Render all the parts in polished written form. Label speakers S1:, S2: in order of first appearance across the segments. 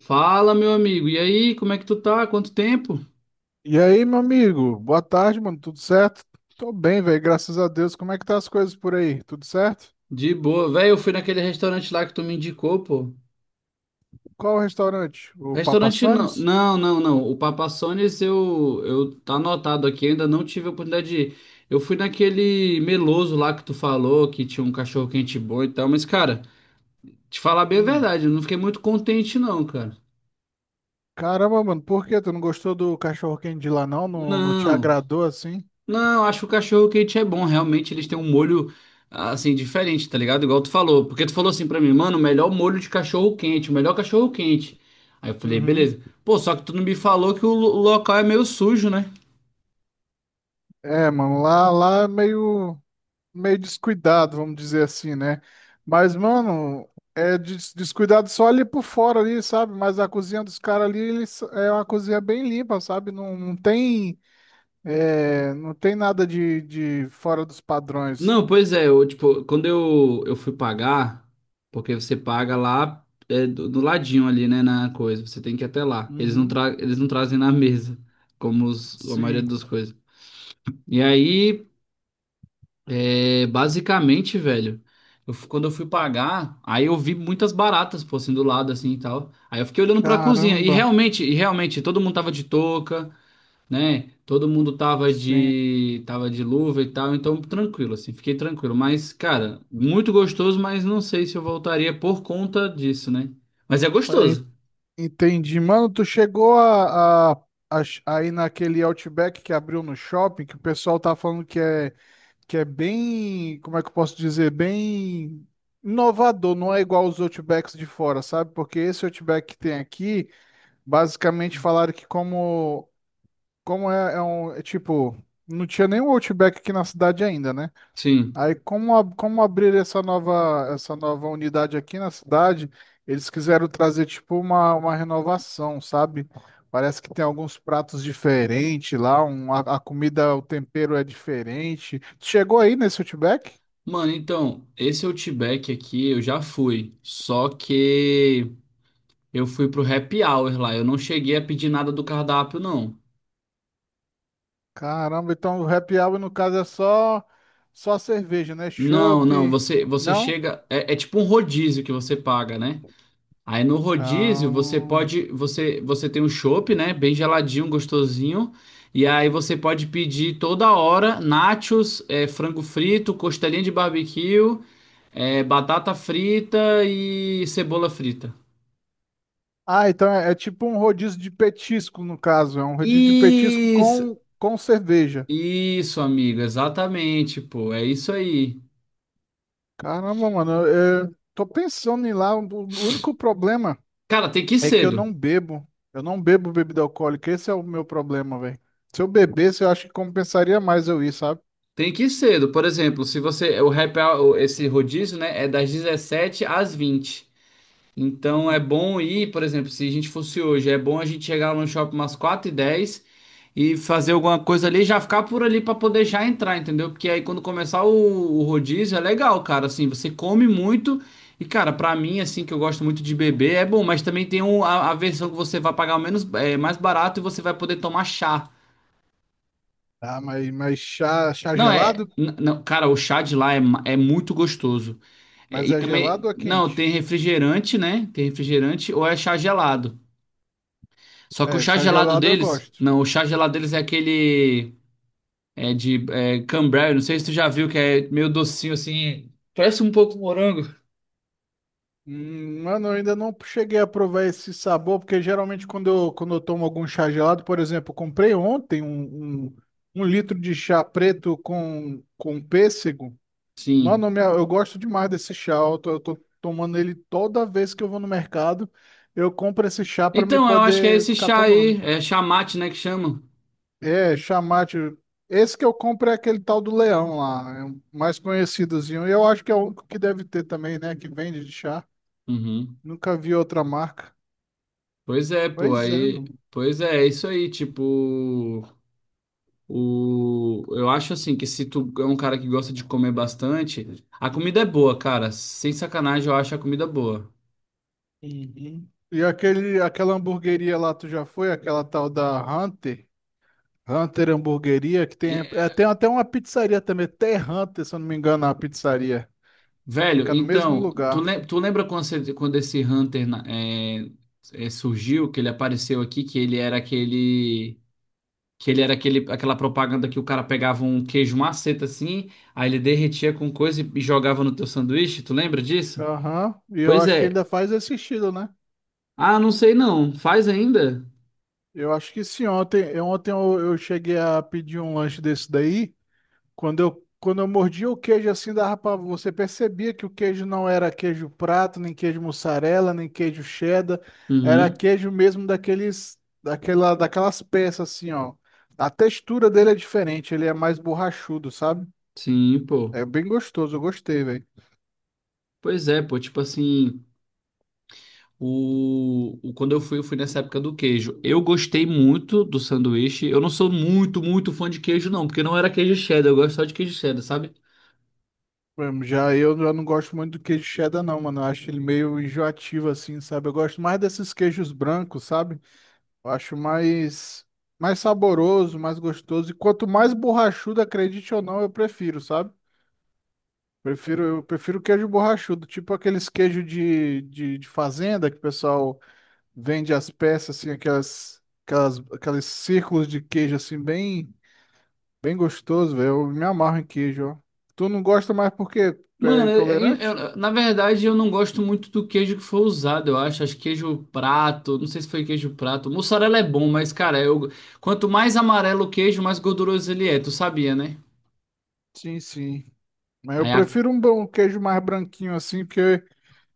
S1: Fala, meu amigo. E aí, como é que tu tá? Quanto tempo?
S2: E aí, meu amigo? Boa tarde, mano. Tudo certo? Tô bem, velho. Graças a Deus. Como é que tá as coisas por aí? Tudo certo?
S1: De boa. Velho, eu fui naquele restaurante lá que tu me indicou, pô.
S2: Qual o restaurante? O Papa
S1: Restaurante não.
S2: Sonis?
S1: Não, não, não. O Papa John's eu tá anotado aqui, ainda não tive a oportunidade de ir. Eu fui naquele meloso lá que tu falou, que tinha um cachorro quente bom e tal, mas, cara, te falar bem a
S2: Hum.
S1: verdade, eu não fiquei muito contente, não, cara.
S2: Caramba, mano. Por quê? Tu não gostou do cachorro-quente de lá, não? Não, não te
S1: Não.
S2: agradou assim?
S1: Não, acho que o cachorro quente é bom. Realmente eles têm um molho assim diferente, tá ligado? Igual tu falou. Porque tu falou assim pra mim, mano, o melhor molho de cachorro quente, o melhor cachorro quente. Aí eu falei,
S2: Uhum.
S1: beleza. Pô, só que tu não me falou que o local é meio sujo, né?
S2: É, mano. Lá é meio descuidado, vamos dizer assim, né? Mas, mano, é descuidado só ali por fora ali, sabe? Mas a cozinha dos caras ali, eles, é uma cozinha bem limpa, sabe? Não, não tem. É, não tem nada de fora dos padrões.
S1: Não, pois é. Eu, tipo, quando eu fui pagar, porque você paga lá é, do ladinho ali, né, na coisa. Você tem que ir até lá. Eles não,
S2: Uhum,
S1: tra eles não trazem na mesa, como a maioria
S2: sim.
S1: das coisas. E aí. É, basicamente, velho, quando eu fui pagar, aí eu vi muitas baratas, pô, assim, do lado, assim, e tal. Aí eu fiquei olhando pra cozinha,
S2: Caramba,
S1: e realmente, todo mundo tava de touca, né? Todo mundo
S2: sim.
S1: tava de luva e tal, então tranquilo, assim, fiquei tranquilo. Mas, cara, muito gostoso, mas não sei se eu voltaria por conta disso, né? Mas é
S2: É,
S1: gostoso.
S2: entendi. Mano, tu chegou a ir naquele Outback que abriu no shopping, que o pessoal tá falando que é bem, como é que eu posso dizer, bem inovador, não é igual os Outbacks de fora, sabe? Porque esse Outback que tem aqui, basicamente falaram que como é, é tipo, não tinha nenhum Outback aqui na cidade ainda, né?
S1: Sim.
S2: Aí, como abrir essa nova unidade aqui na cidade, eles quiseram trazer, tipo, uma renovação, sabe? Parece que tem alguns pratos diferentes lá, a comida, o tempero é diferente. Chegou aí nesse Outback?
S1: Mano, então, esse Outback aqui eu já fui, só que... Eu fui pro happy hour lá. Eu não cheguei a pedir nada do cardápio, não.
S2: Caramba, então o happy hour, no caso, é só cerveja, né?
S1: Não,
S2: Chopp,
S1: não. Você
S2: não?
S1: chega. É tipo um rodízio que você paga, né? Aí no rodízio você
S2: Ah,
S1: pode. Você tem um chopp, né? Bem geladinho, gostosinho. E aí você pode pedir toda hora nachos, frango frito, costelinha de barbecue, batata frita e cebola frita.
S2: ah, então é tipo um rodízio de petisco, no caso. É um rodízio de petisco
S1: Isso,
S2: com cerveja.
S1: isso, amigo. Exatamente, pô. É isso aí.
S2: Caramba, mano, eu tô pensando em ir lá. O único problema
S1: Cara, tem que ir
S2: é que eu
S1: cedo.
S2: não bebo. Eu não bebo bebida alcoólica. Esse é o meu problema, velho. Se eu bebesse, eu acho que compensaria mais eu ir, sabe?
S1: Tem que ir cedo. Por exemplo, se você. O happy hour, esse rodízio, né? É das 17h às 20h. Então é
S2: Uhum.
S1: bom ir, por exemplo, se a gente fosse hoje, é bom a gente chegar lá no shopping umas 4h10 e fazer alguma coisa ali, já ficar por ali para poder já entrar, entendeu? Porque aí quando começar o rodízio é legal, cara. Assim, você come muito. E, cara, pra mim, assim, que eu gosto muito de beber, é bom, mas também tem a versão que você vai pagar menos, mais barato e você vai poder tomar chá.
S2: Ah, mas chá
S1: Não, é.
S2: gelado?
S1: Não, cara, o chá de lá é muito gostoso. É,
S2: Mas
S1: e
S2: é
S1: também.
S2: gelado ou é
S1: Não,
S2: quente?
S1: tem refrigerante, né? Tem refrigerante ou é chá gelado. Só que o
S2: É,
S1: chá
S2: chá
S1: gelado
S2: gelado eu
S1: deles.
S2: gosto.
S1: Não, o chá gelado deles é aquele. É de Cambrai, não sei se tu já viu, que é meio docinho assim. Parece um pouco morango.
S2: Mano, eu ainda não cheguei a provar esse sabor, porque geralmente quando eu tomo algum chá gelado, por exemplo, eu comprei ontem um litro de chá preto com pêssego. Mano,
S1: Sim.
S2: eu gosto demais desse chá. Eu tô tomando ele toda vez que eu vou no mercado. Eu compro esse chá pra me
S1: Então, eu acho que é
S2: poder
S1: esse
S2: ficar
S1: chá aí.
S2: tomando.
S1: É chá mate, né? Que chamam.
S2: É, chá mate. Esse que eu compro é aquele tal do Leão lá, é o mais conhecidozinho. E eu acho que é o único que deve ter também, né? Que vende de chá.
S1: Uhum.
S2: Nunca vi outra marca.
S1: Pois é, pô.
S2: Pois é,
S1: Aí.
S2: mano.
S1: Pois é, é isso aí. Tipo. Eu acho assim que se tu é um cara que gosta de comer bastante, a comida é boa, cara. Sem sacanagem, eu acho a comida boa.
S2: Uhum. E aquela hamburgueria lá, tu já foi? Aquela tal da Hunter? Hunter Hamburgueria, que tem,
S1: E-
S2: tem até uma pizzaria também, até Hunter, se eu não me engano, a pizzaria.
S1: Velho,
S2: Fica no mesmo
S1: então, tu,
S2: lugar.
S1: le- tu lembra quando esse Hunter surgiu, que ele apareceu aqui, que ele era aquele. Que ele era aquele, aquela propaganda que o cara pegava um queijo maceta assim, aí ele derretia com coisa e jogava no teu sanduíche, tu lembra disso?
S2: Aham. E eu
S1: Pois
S2: acho que
S1: é.
S2: ainda faz esse estilo, né?
S1: Ah, não sei não. Faz ainda?
S2: Eu acho que sim. Ontem, ontem eu cheguei a pedir um lanche desse daí. Quando eu mordia o queijo assim, dava pra, você percebia que o queijo não era queijo prato, nem queijo mussarela, nem queijo cheddar. Era
S1: Uhum.
S2: queijo mesmo daqueles, daquelas peças assim, ó. A textura dele é diferente, ele é mais borrachudo, sabe?
S1: Sim, pô.
S2: É bem gostoso, eu gostei, velho.
S1: Pois é, pô, tipo assim, quando eu fui nessa época do queijo. Eu gostei muito do sanduíche. Eu não sou muito, muito fã de queijo, não, porque não era queijo cheddar, eu gosto só de queijo cheddar, sabe?
S2: Mano, Já eu já não gosto muito do queijo cheddar, não, mano. Eu acho ele meio enjoativo, assim, sabe? Eu gosto mais desses queijos brancos, sabe? Eu acho mais saboroso, mais gostoso. E quanto mais borrachudo, acredite ou não, eu prefiro, sabe? Eu prefiro queijo borrachudo, tipo aqueles queijos de fazenda que o pessoal vende as peças, assim, aqueles círculos de queijo, assim, bem gostoso, velho. Eu me amarro em queijo, ó. Tu não gosta mais porque tu é
S1: Mano,
S2: intolerante?
S1: na verdade, eu não gosto muito do queijo que foi usado, eu acho. Acho que queijo prato, não sei se foi queijo prato. Mussarela é bom, mas, cara, quanto mais amarelo o queijo, mais gorduroso ele é, tu sabia, né?
S2: Sim, sim. Mas eu
S1: Aí a.
S2: prefiro um bom queijo mais branquinho assim, porque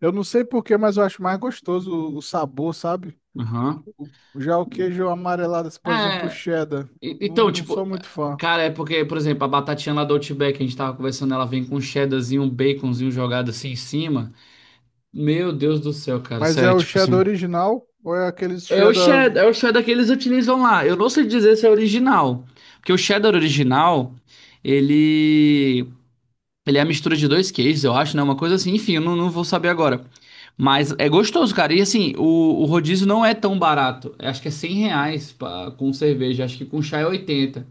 S2: eu não sei porquê, mas eu acho mais gostoso o sabor, sabe?
S1: Aham.
S2: Já o queijo amarelado, assim, por exemplo, o
S1: É.
S2: cheddar, não,
S1: Então,
S2: não sou
S1: tipo,
S2: muito fã.
S1: cara, é porque, por exemplo, a batatinha lá do Outback, a gente tava conversando, ela vem com um cheddarzinho, um baconzinho jogado assim em cima. Meu Deus do céu, cara,
S2: Mas é
S1: sério,
S2: o
S1: tipo
S2: cheddar
S1: assim.
S2: original ou é aqueles
S1: É o
S2: cheddar?
S1: cheddar, é o cheddar que eles utilizam lá. Eu não sei dizer se é original, porque o cheddar original, ele ele é a mistura de dois queijos, eu acho, né? Uma coisa assim, enfim, eu não vou saber agora. Mas é gostoso, cara. E assim, o rodízio não é tão barato. Eu acho que é R$ 100 pra, com cerveja, acho que com chá é 80.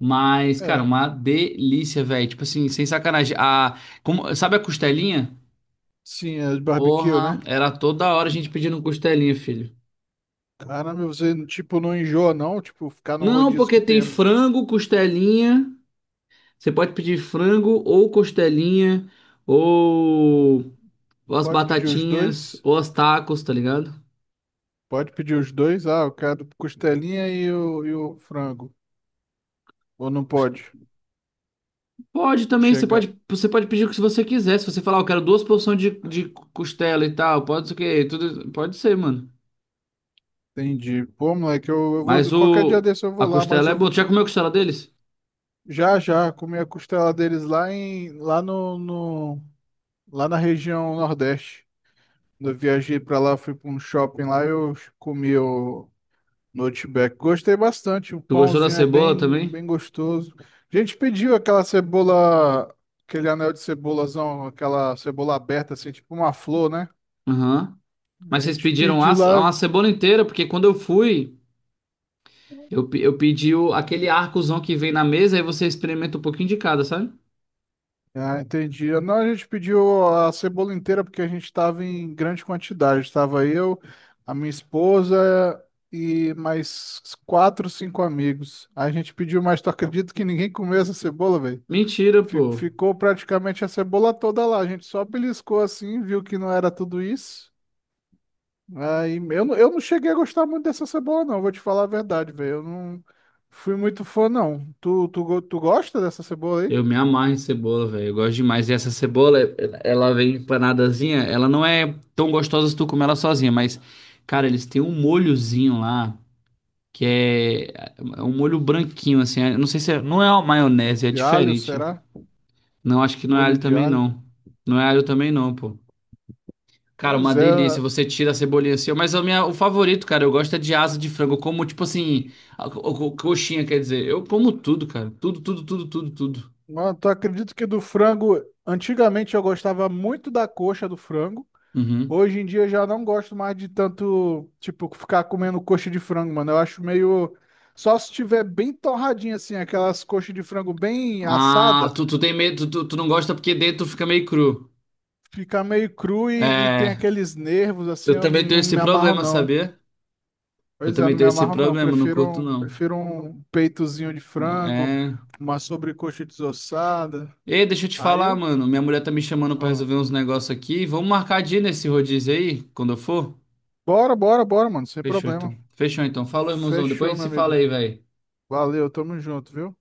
S1: Mas, cara,
S2: É,
S1: uma delícia, velho. Tipo assim, sem sacanagem. Sabe a costelinha?
S2: sim, é de barbecue,
S1: Porra,
S2: né?
S1: era toda hora a gente pedindo costelinha, filho.
S2: Caramba, você, tipo, não enjoa, não? Tipo, ficar num
S1: Não,
S2: rodízio
S1: porque
S2: que
S1: tem
S2: tem.
S1: frango, costelinha. Você pode pedir frango ou costelinha, ou, ou as
S2: Pode pedir os
S1: batatinhas,
S2: dois?
S1: ou as tacos, tá ligado?
S2: Pode pedir os dois? Ah, eu quero costelinha e o frango. Ou não pode?
S1: Pode também, você
S2: Chega.
S1: pode, você pode pedir o que você quiser. Se você falar, "Ah, eu quero duas porções de costela e tal, pode ser o quê? Tudo, pode ser, mano.
S2: Entendi. Pô, moleque, eu
S1: Mas
S2: vou. Qualquer dia desse eu
S1: a
S2: vou lá, mas
S1: costela é boa. Tu já comeu a costela deles?
S2: já já comer a costela deles lá em lá no, no- lá na região Nordeste. Quando eu viajei pra lá, fui pra um shopping lá, eu comi o no Outback. Gostei bastante. O
S1: Tu gostou da
S2: pãozinho é
S1: cebola
S2: bem
S1: também?
S2: bem gostoso. A gente pediu aquela cebola, aquele anel de cebolazão, aquela cebola aberta assim, tipo uma flor, né?
S1: Aham.
S2: A
S1: Mas vocês
S2: gente
S1: pediram a,
S2: pediu lá.
S1: a cebola inteira, porque quando eu fui, eu pedi aquele arcozão que vem na mesa, aí você experimenta um pouquinho de cada, sabe?
S2: Ah, entendi. Não, a gente pediu a cebola inteira porque a gente estava em grande quantidade. Estava eu, a minha esposa e mais quatro, cinco amigos. Aí a gente pediu, mas tu acredita que ninguém comeu essa cebola, velho?
S1: Mentira, pô.
S2: Ficou praticamente a cebola toda lá. A gente só beliscou assim, viu que não era tudo isso. Aí eu não cheguei a gostar muito dessa cebola, não. Vou te falar a verdade, velho. Eu não fui muito fã, não. Tu gosta dessa cebola aí?
S1: Eu me amarro em cebola, velho. Eu gosto demais. E essa cebola, ela vem empanadazinha. Ela não é tão gostosa se tu comer ela sozinha, mas, cara, eles têm um molhozinho lá, que é um molho branquinho, assim. Eu não sei se é, não é uma maionese, é
S2: De alho,
S1: diferente.
S2: será?
S1: Não, acho que não é alho
S2: Molho de
S1: também,
S2: alho.
S1: não. Não é alho também, não, pô. Cara, uma
S2: Pois é,
S1: delícia. Você tira a cebolinha assim. Mas o favorito, cara, eu gosto é de asa de frango. Eu como, tipo assim, coxinha, quer dizer. Eu como tudo, cara. Tudo, tudo, tudo, tudo, tudo.
S2: mano, tu acredita que do frango, antigamente eu gostava muito da coxa do frango.
S1: Uhum.
S2: Hoje em dia eu já não gosto mais de tanto, tipo, ficar comendo coxa de frango, mano. Eu acho meio só se tiver bem torradinha assim, aquelas coxas de frango bem
S1: Ah,
S2: assada,
S1: tu tem medo, tu não gosta porque dentro fica meio cru.
S2: fica meio cru e tem
S1: É,
S2: aqueles nervos assim,
S1: eu
S2: eu
S1: também tenho
S2: não
S1: esse
S2: me amarro
S1: problema,
S2: não.
S1: sabia? Eu
S2: Pois é,
S1: também
S2: não me
S1: tenho esse
S2: amarro não. Eu
S1: problema, não curto não.
S2: Prefiro um peitozinho de frango,
S1: É.
S2: uma sobrecoxa desossada.
S1: Ei, deixa eu te
S2: Aí
S1: falar,
S2: eu,
S1: mano. Minha mulher tá me chamando pra resolver uns negócios aqui. Vamos marcar dia nesse rodízio aí, quando eu for?
S2: Bora, bora, bora, mano. Sem
S1: Fechou
S2: problema.
S1: então. Fechou então. Falou, irmãozão. Depois a
S2: Fechou,
S1: gente
S2: meu
S1: se fala
S2: amigo.
S1: aí, velho.
S2: Valeu, tamo junto, viu?